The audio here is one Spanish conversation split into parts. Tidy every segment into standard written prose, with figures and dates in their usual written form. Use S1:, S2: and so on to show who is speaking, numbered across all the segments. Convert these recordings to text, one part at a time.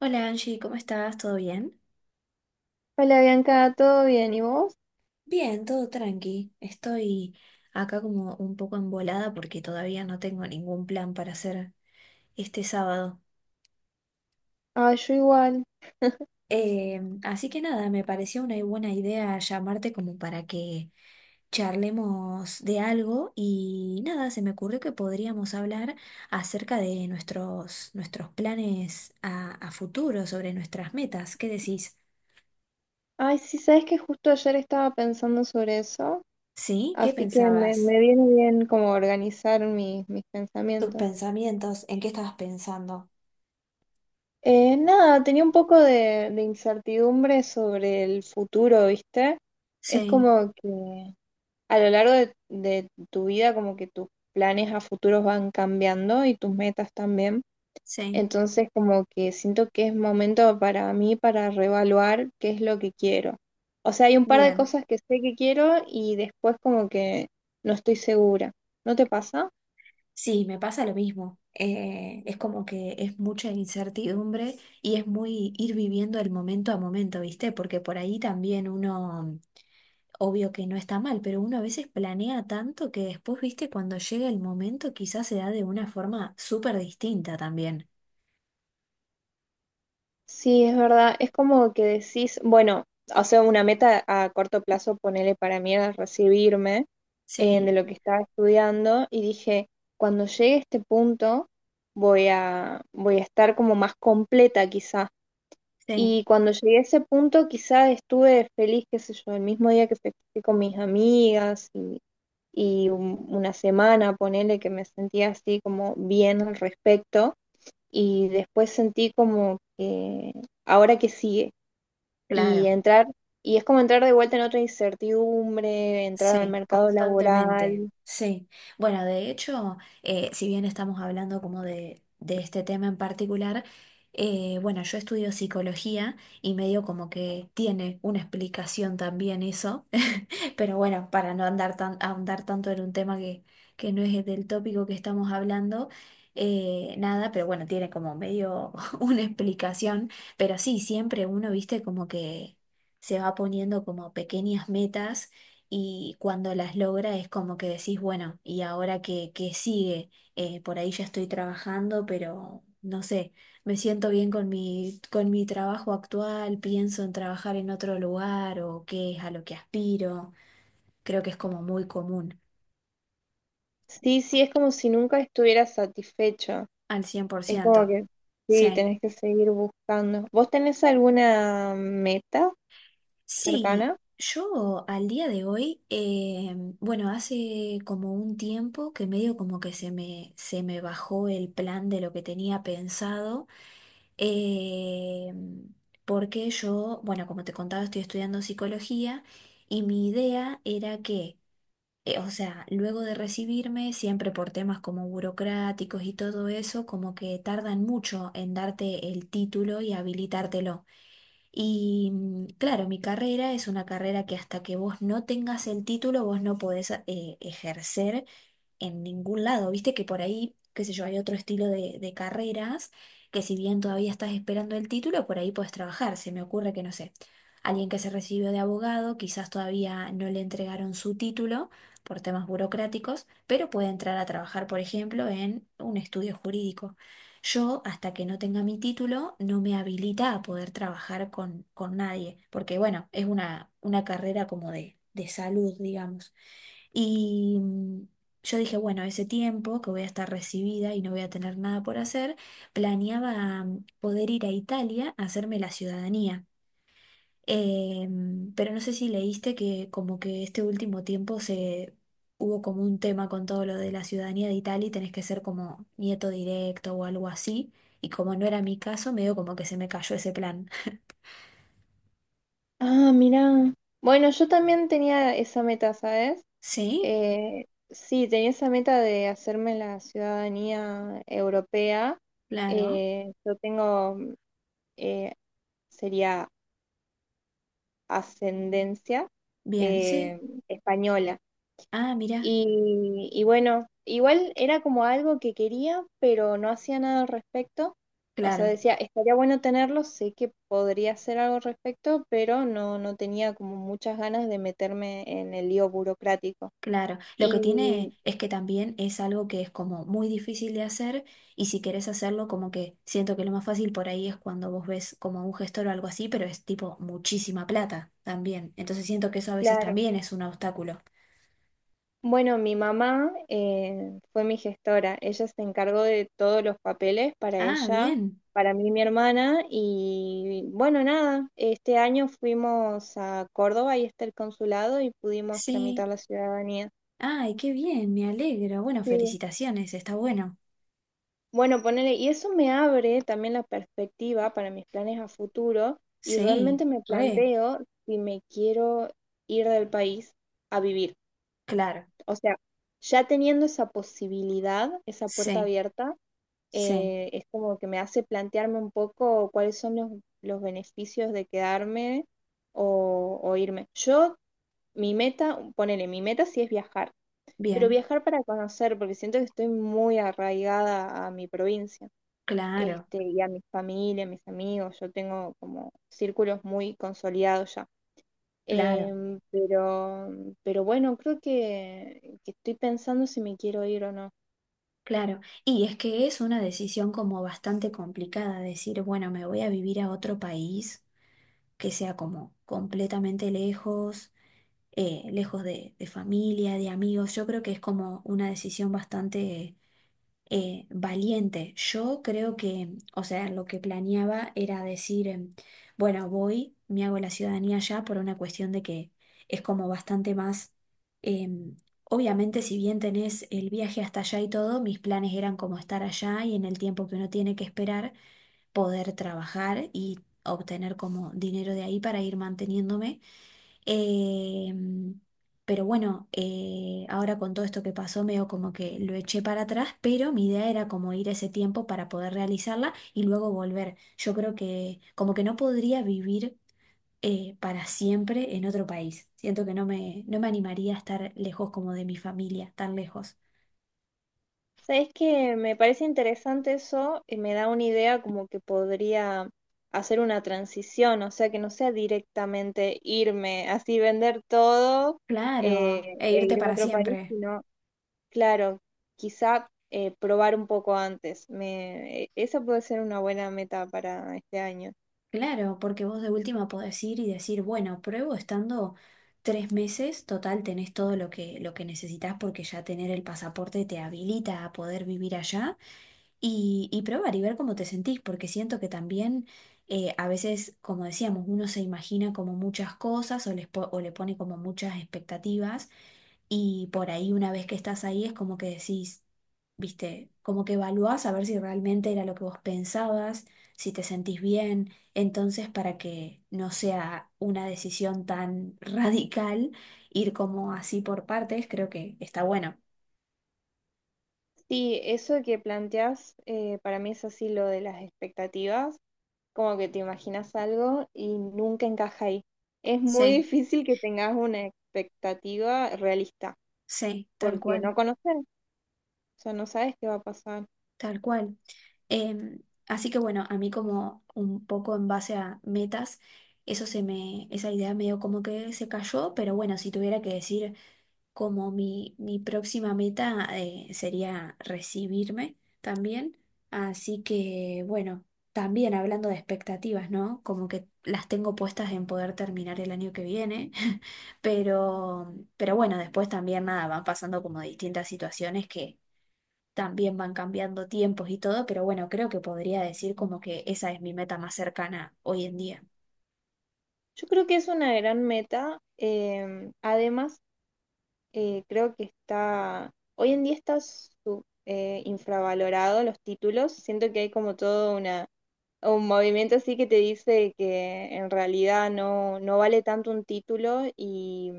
S1: Hola Angie, ¿cómo estás? ¿Todo bien?
S2: Hola Bianca, ¿todo bien? ¿Y vos?
S1: Bien, todo tranqui. Estoy acá como un poco embolada porque todavía no tengo ningún plan para hacer este sábado.
S2: Ah, yo igual.
S1: Así que nada, me pareció una buena idea llamarte como para que charlemos de algo y nada, se me ocurrió que podríamos hablar acerca de nuestros planes a futuro, sobre nuestras metas. ¿Qué decís?
S2: Ay, sí, sabes que justo ayer estaba pensando sobre eso,
S1: ¿Sí? ¿Qué
S2: así que me,
S1: pensabas?
S2: me viene bien como organizar mis
S1: Tus
S2: pensamientos.
S1: pensamientos, ¿en qué estabas pensando?
S2: Nada, tenía un poco de incertidumbre sobre el futuro, ¿viste? Es
S1: Sí,
S2: como que a lo largo de tu vida como que tus planes a futuros van cambiando y tus metas también.
S1: sí,
S2: Entonces como que siento que es momento para mí para reevaluar qué es lo que quiero. O sea, hay un par de
S1: bien.
S2: cosas que sé que quiero y después como que no estoy segura. ¿No te pasa?
S1: Sí, me pasa lo mismo. Es como que es mucha incertidumbre y es muy ir viviendo el momento a momento, ¿viste? Porque por ahí también uno, obvio que no está mal, pero uno a veces planea tanto que después, ¿viste? Cuando llega el momento quizás se da de una forma súper distinta también.
S2: Sí, es verdad. Es como que decís, bueno, o sea, una meta a corto plazo, ponele para mí era recibirme de
S1: Sí,
S2: lo que estaba estudiando y dije, cuando llegue a este punto voy a estar como más completa quizás.
S1: sí,
S2: Y cuando llegué a ese punto, quizás estuve feliz, qué sé yo, el mismo día que festejé con mis amigas y una semana, ponele que me sentía así como bien al respecto. Y después sentí como que ahora que sigue. Y
S1: claro.
S2: entrar, y es como entrar de vuelta en otra incertidumbre, entrar al
S1: Sí,
S2: mercado
S1: constantemente,
S2: laboral.
S1: sí. Bueno, de hecho, si bien estamos hablando como de este tema en particular, bueno, yo estudio psicología y medio como que tiene una explicación también eso. Pero bueno, para no andar tan, ahondar tanto en un tema que no es del tópico que estamos hablando, nada, pero bueno, tiene como medio una explicación, pero sí, siempre uno, viste, como que se va poniendo como pequeñas metas y cuando las logra es como que decís, bueno, ¿y ahora qué sigue? Por ahí ya estoy trabajando, pero no sé, me siento bien con con mi trabajo actual, pienso en trabajar en otro lugar o qué es a lo que aspiro. Creo que es como muy común,
S2: Sí, sí, es como si nunca estuviera satisfecho.
S1: al cien por
S2: Es como
S1: ciento
S2: que sí,
S1: Sí.
S2: tenés que seguir buscando. ¿Vos tenés alguna meta?
S1: Sí,
S2: Cercana.
S1: yo al día de hoy, bueno, hace como un tiempo que medio como que se se me bajó el plan de lo que tenía pensado, eh, porque yo, bueno, como te contaba, estoy estudiando psicología y mi idea era que… o sea, luego de recibirme, siempre por temas como burocráticos y todo eso, como que tardan mucho en darte el título y habilitártelo. Y claro, mi carrera es una carrera que hasta que vos no tengas el título, vos no podés ejercer en ningún lado. Viste que por ahí, qué sé yo, hay otro estilo de carreras que si bien todavía estás esperando el título, por ahí puedes trabajar. Se me ocurre que, no sé, alguien que se recibió de abogado, quizás todavía no le entregaron su título por temas burocráticos, pero puede entrar a trabajar, por ejemplo, en un estudio jurídico. Yo, hasta que no tenga mi título, no me habilita a poder trabajar con nadie, porque bueno, es una carrera como de salud, digamos. Y yo dije, bueno, ese tiempo que voy a estar recibida y no voy a tener nada por hacer, planeaba poder ir a Italia a hacerme la ciudadanía. Pero no sé si leíste que como que este último tiempo se hubo como un tema con todo lo de la ciudadanía de Italia y tenés que ser como nieto directo o algo así. Y como no era mi caso, medio como que se me cayó ese plan.
S2: Ah, mira. Bueno, yo también tenía esa meta, ¿sabes?
S1: Sí,
S2: Sí, tenía esa meta de hacerme la ciudadanía europea.
S1: claro.
S2: Eh, yo tengo, eh, sería ascendencia
S1: Bien, sí.
S2: eh, española.
S1: Ah, mira,
S2: Y bueno, igual era como algo que quería, pero no hacía nada al respecto. O sea,
S1: claro.
S2: decía, estaría bueno tenerlo, sé que podría hacer algo al respecto, pero no, no tenía como muchas ganas de meterme en el lío burocrático.
S1: Claro, lo que
S2: Y
S1: tiene es que también es algo que es como muy difícil de hacer y si querés hacerlo como que siento que lo más fácil por ahí es cuando vos ves como un gestor o algo así, pero es tipo muchísima plata también. Entonces siento que eso a veces
S2: claro.
S1: también es un obstáculo.
S2: Bueno, mi mamá fue mi gestora. Ella se encargó de todos los papeles para
S1: Ah,
S2: ella,
S1: bien.
S2: para mí y mi hermana. Y bueno, nada, este año fuimos a Córdoba y está el consulado y pudimos
S1: Sí.
S2: tramitar la ciudadanía.
S1: Ay, qué bien, me alegro. Bueno,
S2: Sí.
S1: felicitaciones, está bueno.
S2: Bueno, ponele, y eso me abre también la perspectiva para mis planes a futuro y
S1: Sí,
S2: realmente me
S1: re,
S2: planteo si me quiero ir del país a vivir.
S1: claro.
S2: O sea, ya teniendo esa posibilidad, esa puerta
S1: Sí,
S2: abierta.
S1: sí.
S2: Es como que me hace plantearme un poco cuáles son los beneficios de quedarme o irme. Yo, mi meta, ponele, mi meta sí es viajar, pero
S1: Bien,
S2: viajar para conocer, porque siento que estoy muy arraigada a mi provincia,
S1: claro,
S2: este, y a mi familia, a mis amigos, yo tengo como círculos muy consolidados ya.
S1: claro.
S2: Em, pero, pero bueno, creo que estoy pensando si me quiero ir o no.
S1: Claro, y es que es una decisión como bastante complicada, decir, bueno, me voy a vivir a otro país que sea como completamente lejos, lejos de familia, de amigos. Yo creo que es como una decisión bastante valiente. Yo creo o sea, lo que planeaba era decir, bueno, voy, me hago la ciudadanía ya por una cuestión de que es como bastante más, em, obviamente si bien tenés el viaje hasta allá y todo, mis planes eran como estar allá y en el tiempo que uno tiene que esperar, poder trabajar y obtener como dinero de ahí para ir manteniéndome. Eh, ahora con todo esto que pasó, medio como que lo eché para atrás, pero mi idea era como ir ese tiempo para poder realizarla y luego volver. Yo creo que como que no podría vivir para siempre en otro país. Siento que no no me animaría a estar lejos como de mi familia, tan lejos.
S2: Sabes que me parece interesante eso y me da una idea como que podría hacer una transición, o sea, que no sea directamente irme, así vender todo
S1: Claro, e
S2: e
S1: irte
S2: irme a
S1: para
S2: otro
S1: siempre.
S2: país, sino, claro, quizá probar un poco antes. Esa puede ser una buena meta para este año.
S1: Claro, porque vos de última podés ir y decir, bueno, pruebo estando 3 meses, total tenés todo lo lo que necesitas porque ya tener el pasaporte te habilita a poder vivir allá y probar y ver cómo te sentís, porque siento que también a veces, como decíamos, uno se imagina como muchas cosas o, les po- o le pone como muchas expectativas y por ahí, una vez que estás ahí, es como que decís, viste, como que evaluás a ver si realmente era lo que vos pensabas, si te sentís bien. Entonces, para que no sea una decisión tan radical, ir como así por partes, creo que está bueno.
S2: Sí, eso que planteas para mí es así lo de las expectativas. Como que te imaginas algo y nunca encaja ahí. Es muy
S1: Sí,
S2: difícil que tengas una expectativa realista,
S1: sí, tal
S2: porque
S1: cual,
S2: no conoces, o sea, no sabes qué va a pasar.
S1: tal cual. Así que bueno, a mí como un poco en base a metas, eso se me, esa idea medio como que se cayó, pero bueno, si tuviera que decir como mi próxima meta sería recibirme también. Así que, bueno, también hablando de expectativas, ¿no? Como que las tengo puestas en poder terminar el año que viene, pero bueno, después también nada, van pasando como distintas situaciones que también van cambiando tiempos y todo, pero bueno, creo que podría decir como que esa es mi meta más cercana hoy en día.
S2: Yo creo que es una gran meta. Creo que está, hoy en día está infravalorado los títulos. Siento que hay como todo una, un movimiento así que te dice que en realidad no, no vale tanto un título. y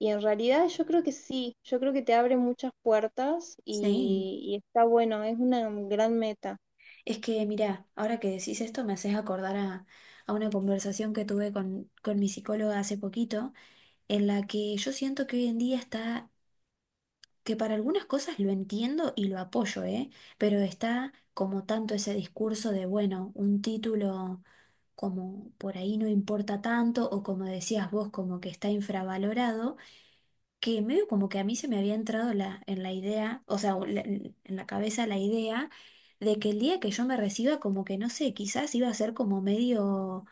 S2: Y en realidad yo creo que sí, yo creo que te abre muchas puertas
S1: Sí.
S2: y está bueno, es una gran meta.
S1: Es que, mira, ahora que decís esto me haces acordar a una conversación que tuve con mi psicóloga hace poquito, en la que yo siento que hoy en día está, que para algunas cosas lo entiendo y lo apoyo, ¿eh? Pero está como tanto ese discurso de, bueno, un título como por ahí no importa tanto o como decías vos, como que está infravalorado que medio como que a mí se me había entrado la, en la idea, o sea, o la- en la cabeza la idea de que el día que yo me reciba, como que no sé, quizás iba a ser como medio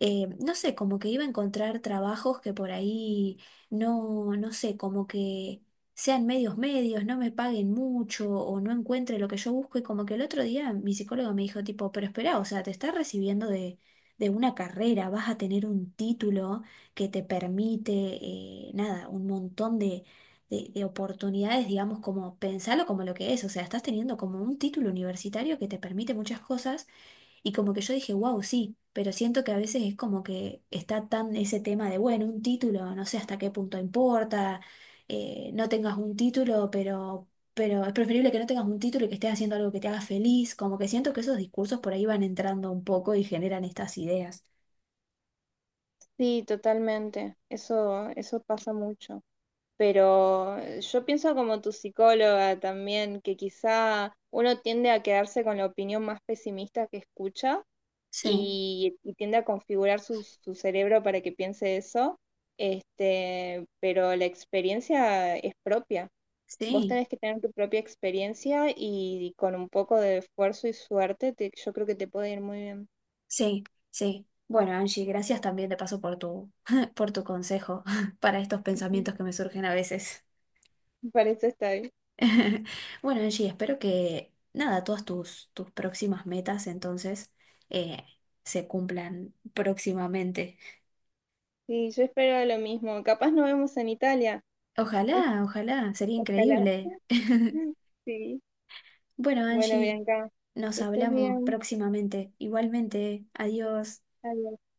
S1: no sé, como que iba a encontrar trabajos que por ahí no, no sé, como que sean medios medios, no me paguen mucho o no encuentre lo que yo busco. Y como que el otro día mi psicólogo me dijo tipo, pero espera, o sea, te estás recibiendo de una carrera, vas a tener un título que te permite, nada, un montón de… De oportunidades, digamos, como pensarlo como lo que es, o sea, estás teniendo como un título universitario que te permite muchas cosas y como que yo dije, wow, sí, pero siento que a veces es como que está tan ese tema de, bueno, un título, no sé hasta qué punto importa, no tengas un título, pero es preferible que no tengas un título y que estés haciendo algo que te haga feliz, como que siento que esos discursos por ahí van entrando un poco y generan estas ideas.
S2: Sí, totalmente, eso pasa mucho. Pero yo pienso como tu psicóloga también, que quizá uno tiende a quedarse con la opinión más pesimista que escucha
S1: Sí,
S2: y tiende a configurar su cerebro para que piense eso, este, pero la experiencia es propia. Vos
S1: sí,
S2: tenés que tener tu propia experiencia y con un poco de esfuerzo y suerte, yo creo que te puede ir muy bien.
S1: sí, sí. Bueno, Angie, gracias también de paso por tu, por tu consejo para estos
S2: Ujú.
S1: pensamientos que me surgen a veces.
S2: Para eso estoy.
S1: Bueno, Angie, espero que nada, todas tus próximas metas entonces eh, se cumplan próximamente.
S2: Sí, yo espero lo mismo. Capaz nos vemos en Italia.
S1: Ojalá, ojalá, sería
S2: Ojalá.
S1: increíble.
S2: Sí.
S1: Bueno,
S2: Bueno,
S1: Angie,
S2: Bianca,
S1: nos
S2: que estés
S1: hablamos
S2: bien.
S1: próximamente. Igualmente, adiós.
S2: Adiós.